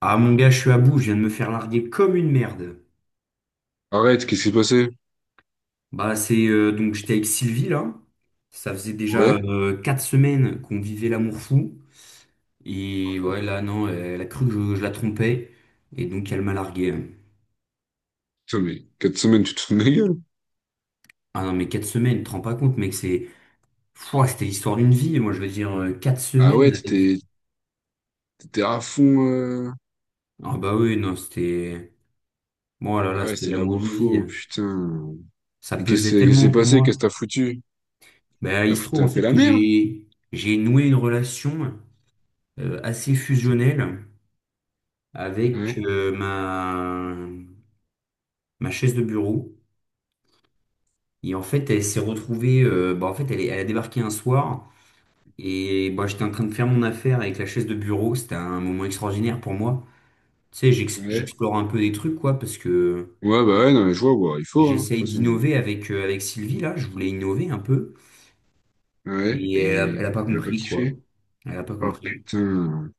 Ah mon gars, je suis à bout, je viens de me faire larguer comme une merde. Arrête, qu'est-ce qui s'est passé? Bah c'est donc j'étais avec Sylvie là. Ça faisait déjà Ouais? 4 semaines qu'on vivait l'amour fou. Et ouais là non, elle a cru que je la trompais. Et donc elle m'a largué. Putain, mais 4 semaines, tu te fous de ma gueule? Ah non mais 4 semaines, tu te rends pas compte mec, c'est. Pouah, c'était l'histoire d'une vie, moi je veux dire quatre Ah semaines ouais, avec. t'étais t'étais à fond. Ah bah oui, non, c'était. Moi là Ah là, ouais, c'était c'était la l'amour d'une vie. fou putain. Ça Et qu'est-ce pesait qu'est-ce qui s'est tellement pour passé? Qu'est-ce moi. que t'as foutu? Bah il se trouve T'as en fait fait la que merde? j'ai noué une relation assez fusionnelle avec Ouais? Ma, ma chaise de bureau. Et en fait, elle s'est retrouvée, en fait, elle a débarqué un soir et bah, j'étais en train de faire mon affaire avec la chaise de bureau. C'était un moment extraordinaire pour moi. Tu sais, Ouais? j'explore un peu des trucs, quoi, parce que Ouais, bah ouais, non, mais je vois, bah, il faut, hein, de j'essaye toute façon. d'innover avec, avec Sylvie, là. Je voulais innover un peu Ouais? et Et elle a pas il a pas compris, quoi. kiffé? Elle a pas Oh compris. putain.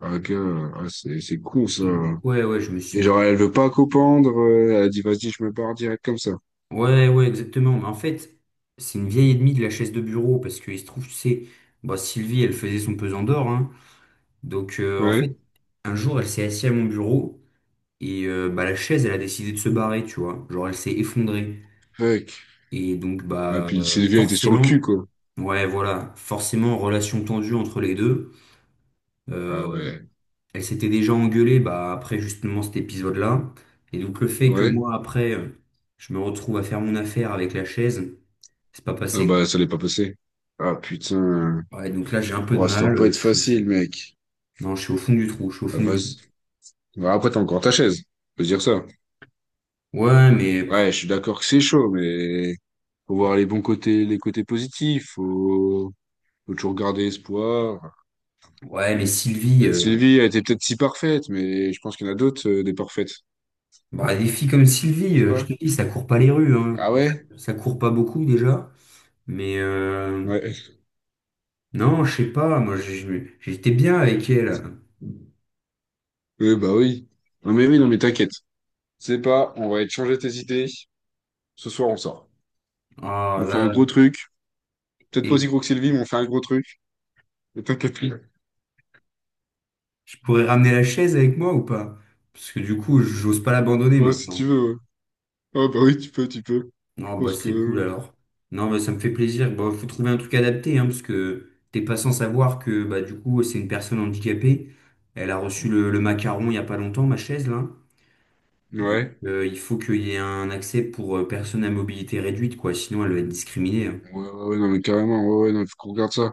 Ah, gars, ah, c'est con, ça. Et donc, ouais, ouais, je me suis Et genre, mis. elle veut pas copendre. Elle a dit, vas-y, je me barre direct comme ça. Ouais, ouais, exactement. Mais en fait, c'est une vieille ennemie de la chaise de bureau parce qu'il se trouve, tu sais, bah, Sylvie, elle faisait son pesant d'or, hein. Donc, en fait, Ouais? un jour, elle s'est assise à mon bureau et bah, la chaise, elle a décidé de se barrer, tu vois. Genre, elle s'est effondrée. Fuck. Et donc, Ah, puis Sylvia était sur le forcément, cul, quoi. ouais, voilà, forcément, relation tendue entre les deux. Ah Euh, ouais. elle s'était déjà engueulée bah, après justement cet épisode-là. Et donc le fait que Ouais. moi, après, je me retrouve à faire mon affaire avec la chaise, c'est pas Ah passé, bah, quoi. ça l'est pas passé. Ah putain. Ouais, donc là, j'ai un peu de Oh, ça mal. doit pas être facile, mec. Non, je suis au fond du trou, je suis au Ah, fond du trou. vas-y. Bah, après, t'as encore ta chaise. Faut se dire ça. Ouais, mais, pff, Ouais, je suis d'accord que c'est chaud, mais faut voir les bons côtés, les côtés positifs. Faut toujours garder espoir. ouais, mais Sylvie, Peut-être Sylvie a été peut-être si parfaite, mais je pense qu'il y en a d'autres, des parfaites. bah, des filles comme Tu Sylvie, penses je pas. te dis, ça court pas les rues, hein. Ah ouais? Ça court pas beaucoup déjà. Mais Ouais. non, je sais pas, moi, j'étais bien avec elle. Oui, bah oui. Non mais oui, non mais t'inquiète. C'est pas, on va échanger tes idées. Ce soir, on sort. Ah On fait un là, gros truc. Peut-être pas là. aussi gros que Sylvie, mais on fait un gros truc. Et t'inquiète. Je pourrais ramener la chaise avec moi ou pas? Parce que du coup, j'ose pas l'abandonner Ouais, si tu maintenant. veux, ouais. Ah bah oui, tu peux. Je Non, bah pense c'est cool que... alors. Non, bah ça me fait plaisir. Bah faut trouver un truc adapté, hein, parce que t'es pas sans savoir que bah du coup c'est une personne handicapée. Elle a reçu le macaron il y a pas longtemps, ma chaise là. Donc Ouais. Il faut qu'il y ait un accès pour personnes à mobilité réduite, quoi. Sinon elle va être discriminée, hein. Ouais, ouais, ouais, non, mais carrément, ouais, ouais, non, faut qu'on regarde ça.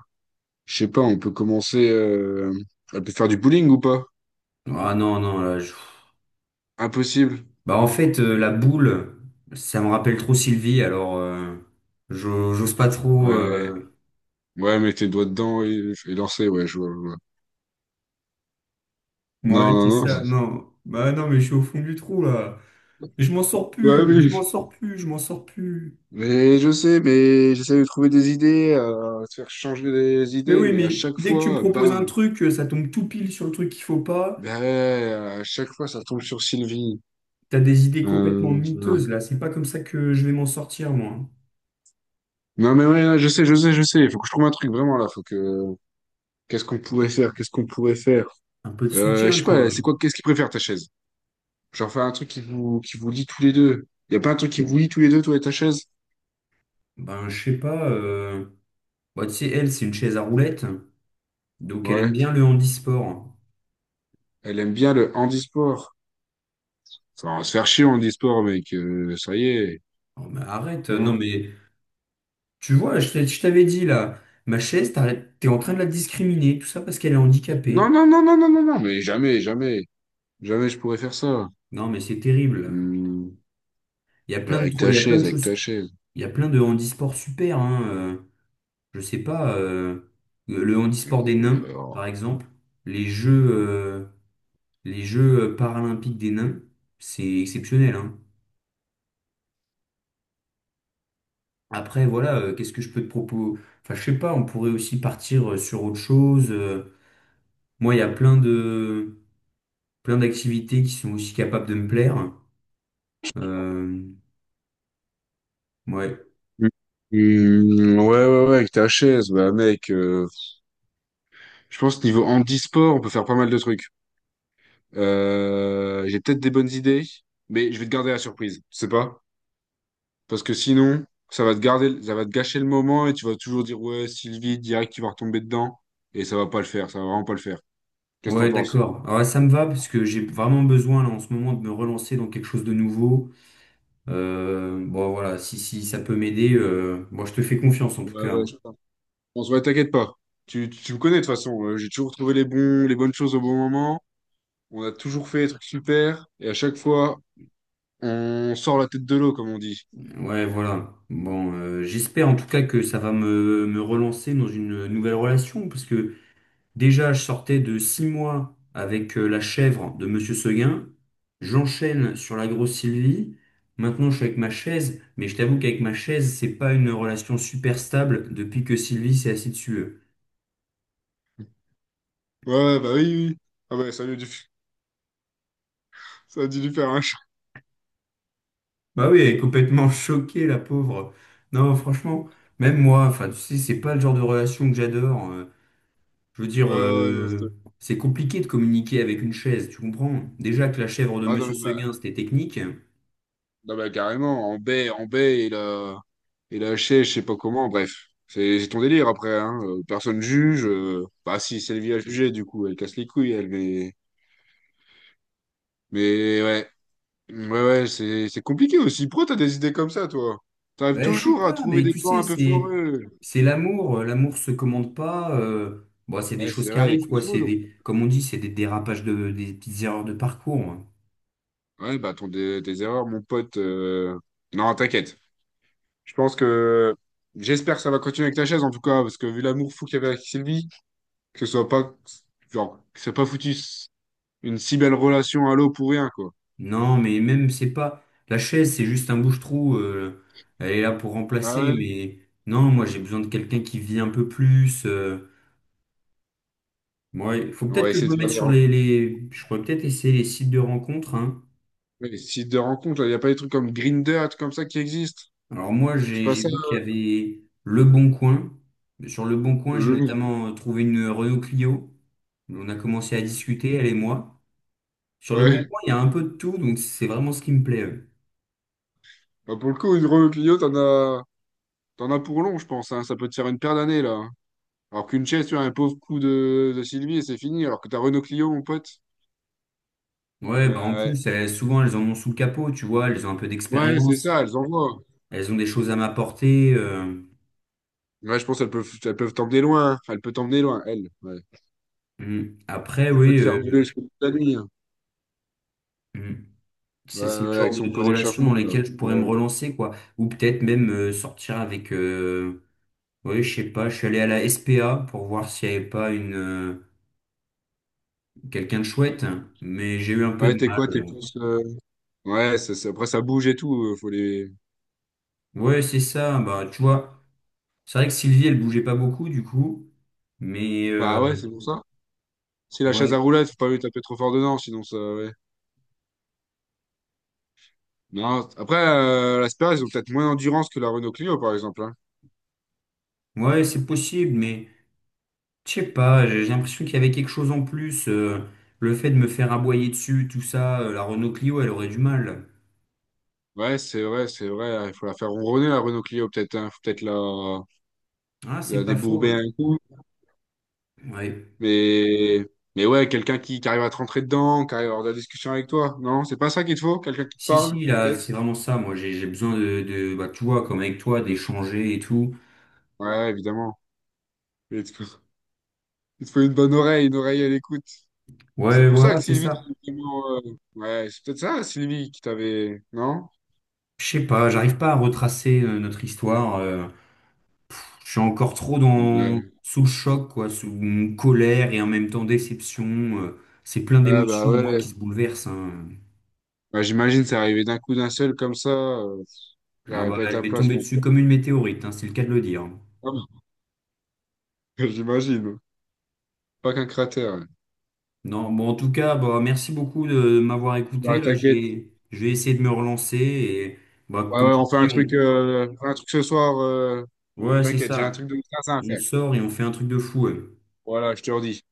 Je sais pas, on peut commencer... On peut faire du bowling ou pas? Ah non, non, là, je- Impossible. Bah en fait, la boule, ça me rappelle trop Sylvie, alors j'ose pas trop. Ouais. Ouais, mets tes doigts dedans et lancer, ouais, je vois. Ouais, Non, non, c'est non. ça. Non, bah non, mais je suis au fond du trou là. Je m'en sors Ouais, plus, je m'en sors plus, je m'en sors plus. mais je sais, mais j'essaie de trouver des idées, de faire changer les Mais idées, oui, mais à mais chaque dès que tu me fois, proposes un bam. truc, ça tombe tout pile sur le truc qu'il faut pas. Ben, à chaque fois, ça tombe sur Sylvie. T'as des idées complètement Euh, miteuses là. C'est pas comme ça que je vais m'en sortir moi. Non, mais ouais, ouais, je sais. Il faut que je trouve un truc vraiment là. Faut que. Qu'est-ce qu'on pourrait faire? Qu'est-ce qu'on pourrait faire? Un peu de Je soutien sais pas, quoi. c'est quoi, qu'est-ce qu'il préfère ta chaise? Genre faire un truc qui vous lie tous les deux. Y a pas un truc qui vous lie tous les deux, toi et ta chaise? Ben je sais pas. Bah, tu sais, elle c'est une chaise à roulettes, donc elle aime Ouais. bien le handisport. Elle aime bien le handisport. Ça va se faire chier en handisport, mec. Ça y est. Oh, mais arrête, non Non? mais tu vois, je t'avais dit là, ma chaise, t'es en train de la discriminer, tout ça parce qu'elle est Non, handicapée. non, non, non, non, non, non, jamais. Jamais je pourrais faire ça. Non, mais c'est terrible. Hmm. Il y a il y a plein de Avec choses, ta chaise. il y a plein de handisports super, hein. Je sais pas, le handisport des nains, par Alors. exemple, les jeux, euh, les jeux paralympiques des nains, c'est exceptionnel, hein. Après, voilà, qu'est-ce que je peux te proposer? Enfin, je sais pas, on pourrait aussi partir sur autre chose. Moi, il y a plein d'activités qui sont aussi capables de me plaire. Euh, ouais. Hmm, ouais, ouais, ouais, avec ta chaise, bah mec, je pense que niveau handisport, on peut faire pas mal de trucs. J'ai peut-être des bonnes idées, mais je vais te garder la surprise, tu sais pas? Parce que sinon, ça va te gâcher le moment et tu vas toujours dire ouais, Sylvie, direct, tu vas retomber dedans. Et ça va pas le faire, ça va vraiment pas le faire. Qu'est-ce que t'en Ouais, penses? d'accord. Ah ouais, ça me va parce que j'ai vraiment besoin là en ce moment de me relancer dans quelque chose de nouveau. Bon, voilà, si, si ça peut m'aider, bon, je te fais confiance en tout Ouais, cas, ouais, hein. je pense. On se voit, t'inquiète pas. Tu me connais de toute façon. J'ai toujours trouvé les bons, les bonnes choses au bon moment. On a toujours fait des trucs super. Et à chaque fois, on sort la tête de l'eau, comme on dit. Ouais, voilà. Bon, j'espère en tout cas que ça va me relancer dans une nouvelle relation parce que déjà, je sortais de 6 mois avec la chèvre de Monsieur Seguin. J'enchaîne sur la grosse Sylvie. Maintenant, je suis avec ma chaise, mais je t'avoue qu'avec ma chaise, c'est pas une relation super stable depuis que Sylvie s'est assise dessus, hein. Ouais, bah oui, oui. Oui. Ah bah, ça a dû, ça a dû lui faire un Bah oui, elle est complètement choquée, la pauvre. Non, franchement, même moi, enfin, tu sais, c'est pas le genre de relation que j'adore. Je veux ouais, dire, ouais, non, c'était- c'est compliqué de communiquer avec une chaise, tu comprends? Déjà que la chèvre de ah, non, Monsieur mais, bah, Seguin, c'était technique. non, mais carrément, en baie, il a haché, je sais pas comment, bref. C'est ton délire après, hein. Personne juge. Bah si, Sylvie a jugé, du coup, elle casse les couilles, elle, mais. Mais ouais. Ouais, ouais, c'est compliqué aussi. Pourquoi t'as des idées comme ça, toi? T'arrives Bah, je sais toujours à pas, trouver mais des tu plans sais, un peu c'est foireux. c'est l'amour. L'amour se commande pas. Bon, c'est des Ouais, choses c'est qui vrai, les arrivent, coups de quoi. C'est foudre. des, comme on dit, c'est des des petites erreurs de parcours, hein. Ouais, tes erreurs, mon pote. Non, t'inquiète. Je pense que. J'espère que ça va continuer avec ta chaise, en tout cas, parce que vu l'amour fou qu'il y avait avec Sylvie. Que ce soit pas, genre, que ça ait pas foutu s- une si belle relation à l'eau pour rien, quoi. Non, mais même, c'est pas. La chaise, c'est juste un bouche-trou. Elle est là pour Ouais, remplacer, ouais. mais non, moi, j'ai besoin de quelqu'un qui vit un peu plus. Moi, il faut On peut-être va que je essayer me de mette faire des sur rencontres, les- Je pourrais peut-être essayer les sites de rencontres, hein. ouais, des sites de rencontres, là. Il n'y a pas des trucs comme Grindr, des trucs comme ça qui existent. Alors, moi, C'est j'ai pas j'ai ça. vu qu'il y avait Le Bon Coin. Sur Le Bon Coin, j'ai Le... notamment trouvé une Renault Clio. On a commencé à discuter, elle et moi. Sur Le Bon Ouais. Coin, il y a un peu de tout, donc c'est vraiment ce qui me plaît. Bah, pour le coup, une Renault Clio, t'en as pour long, je pense, hein. Ça peut te faire une paire d'années, là. Hein. Alors qu'une chaise, tu as un pauvre coup de Sylvie et c'est fini. Alors que ta Renault Clio, mon pote. Ouais, bah en euh, plus, elles- souvent, elles en ont sous le capot, tu vois, elles ont un peu Ouais, ouais, c'est d'expérience. ça, elles envoient. Elles ont des choses à m'apporter. Ouais, je pense qu'elles peuvent elles peuvent t'emmener loin. Hein. Elles peuvent t'emmener loin, elles. Ouais. Mm. Après, Elles peuvent oui, te faire bouler jusqu'au bout de la nuit. Hein. mm. Ouais, C'est c'est le ouais, genre avec de, son de pot relation dans d'échappement, là. lesquelles je Ouais, pourrais me ouais relancer, quoi. Ou peut-être même sortir avec. Oui, je sais pas. Je suis allé à la SPA pour voir s'il n'y avait pas une quelqu'un de chouette, mais j'ai eu un peu ouais, de t'es mal. quoi? T'es plus. Ouais, après, ça bouge et tout. Faut les. Ouais, c'est ça. Bah, tu vois, c'est vrai que Sylvie, elle bougeait pas beaucoup, du coup. Mais Bah ouais, c'est pour ça. Si la chaise ouais, à roulettes, faut pas lui taper trop fort dedans, sinon ça. Ouais. Non, après, la Sperra, ils ont peut-être moins d'endurance que la Renault Clio, par exemple. Hein. ouais, c'est possible, mais. Je sais pas, j'ai l'impression qu'il y avait quelque chose en plus. Le fait de me faire aboyer dessus, tout ça, la Renault Clio, elle aurait du mal. Ouais, c'est vrai, c'est vrai. Hein. Il faut la faire ronronner, la Renault Clio, peut-être. Hein. Faut peut-être la... Ah, c'est la pas faux. débourber un coup. Ouais. Mais. Mais ouais, quelqu'un qui arrive à te rentrer dedans, qui arrive à avoir de la discussion avec toi. Non, c'est pas ça qu'il te faut? Quelqu'un qui te Si, parle, si, là, peut-être? c'est vraiment ça. Moi, j'ai besoin de- bah, tu vois, comme avec toi, d'échanger et tout. Ouais, évidemment. Il te faut une bonne oreille, une oreille à l'écoute. C'est Ouais, pour ça voilà, que c'est Sylvie, t'avais ça. vraiment, ouais, c'est peut-être ça, Sylvie, qui t'avait, non? Je sais pas, j'arrive pas à retracer notre histoire. Je suis encore trop Ouais. sous le choc, quoi, sous une colère et en même temps déception. euh, c'est plein Ah bah d'émotions, moi, qui ouais. se bouleversent, hein. Bah, j'imagine, c'est arrivé d'un coup d'un seul comme ça. Ah J'aurais bah, pas été elle à m'est place, tombée mon dessus comme une météorite, hein, c'est le cas de le dire. pauvre. J'imagine. Pas qu'un cratère. Ouais. Non, bon, en tout cas, bah, merci beaucoup de m'avoir écouté. Bah Là, t'inquiète. Je vais essayer de me relancer. Et bah, Ouais, comme ouais, tu on fait dis, un on... truc, on fait un truc ce soir. Ouais, c'est T'inquiète, j'ai un ça. truc de 15 à On faire. sort et on fait un truc de fou, ouais. Voilà, je te redis.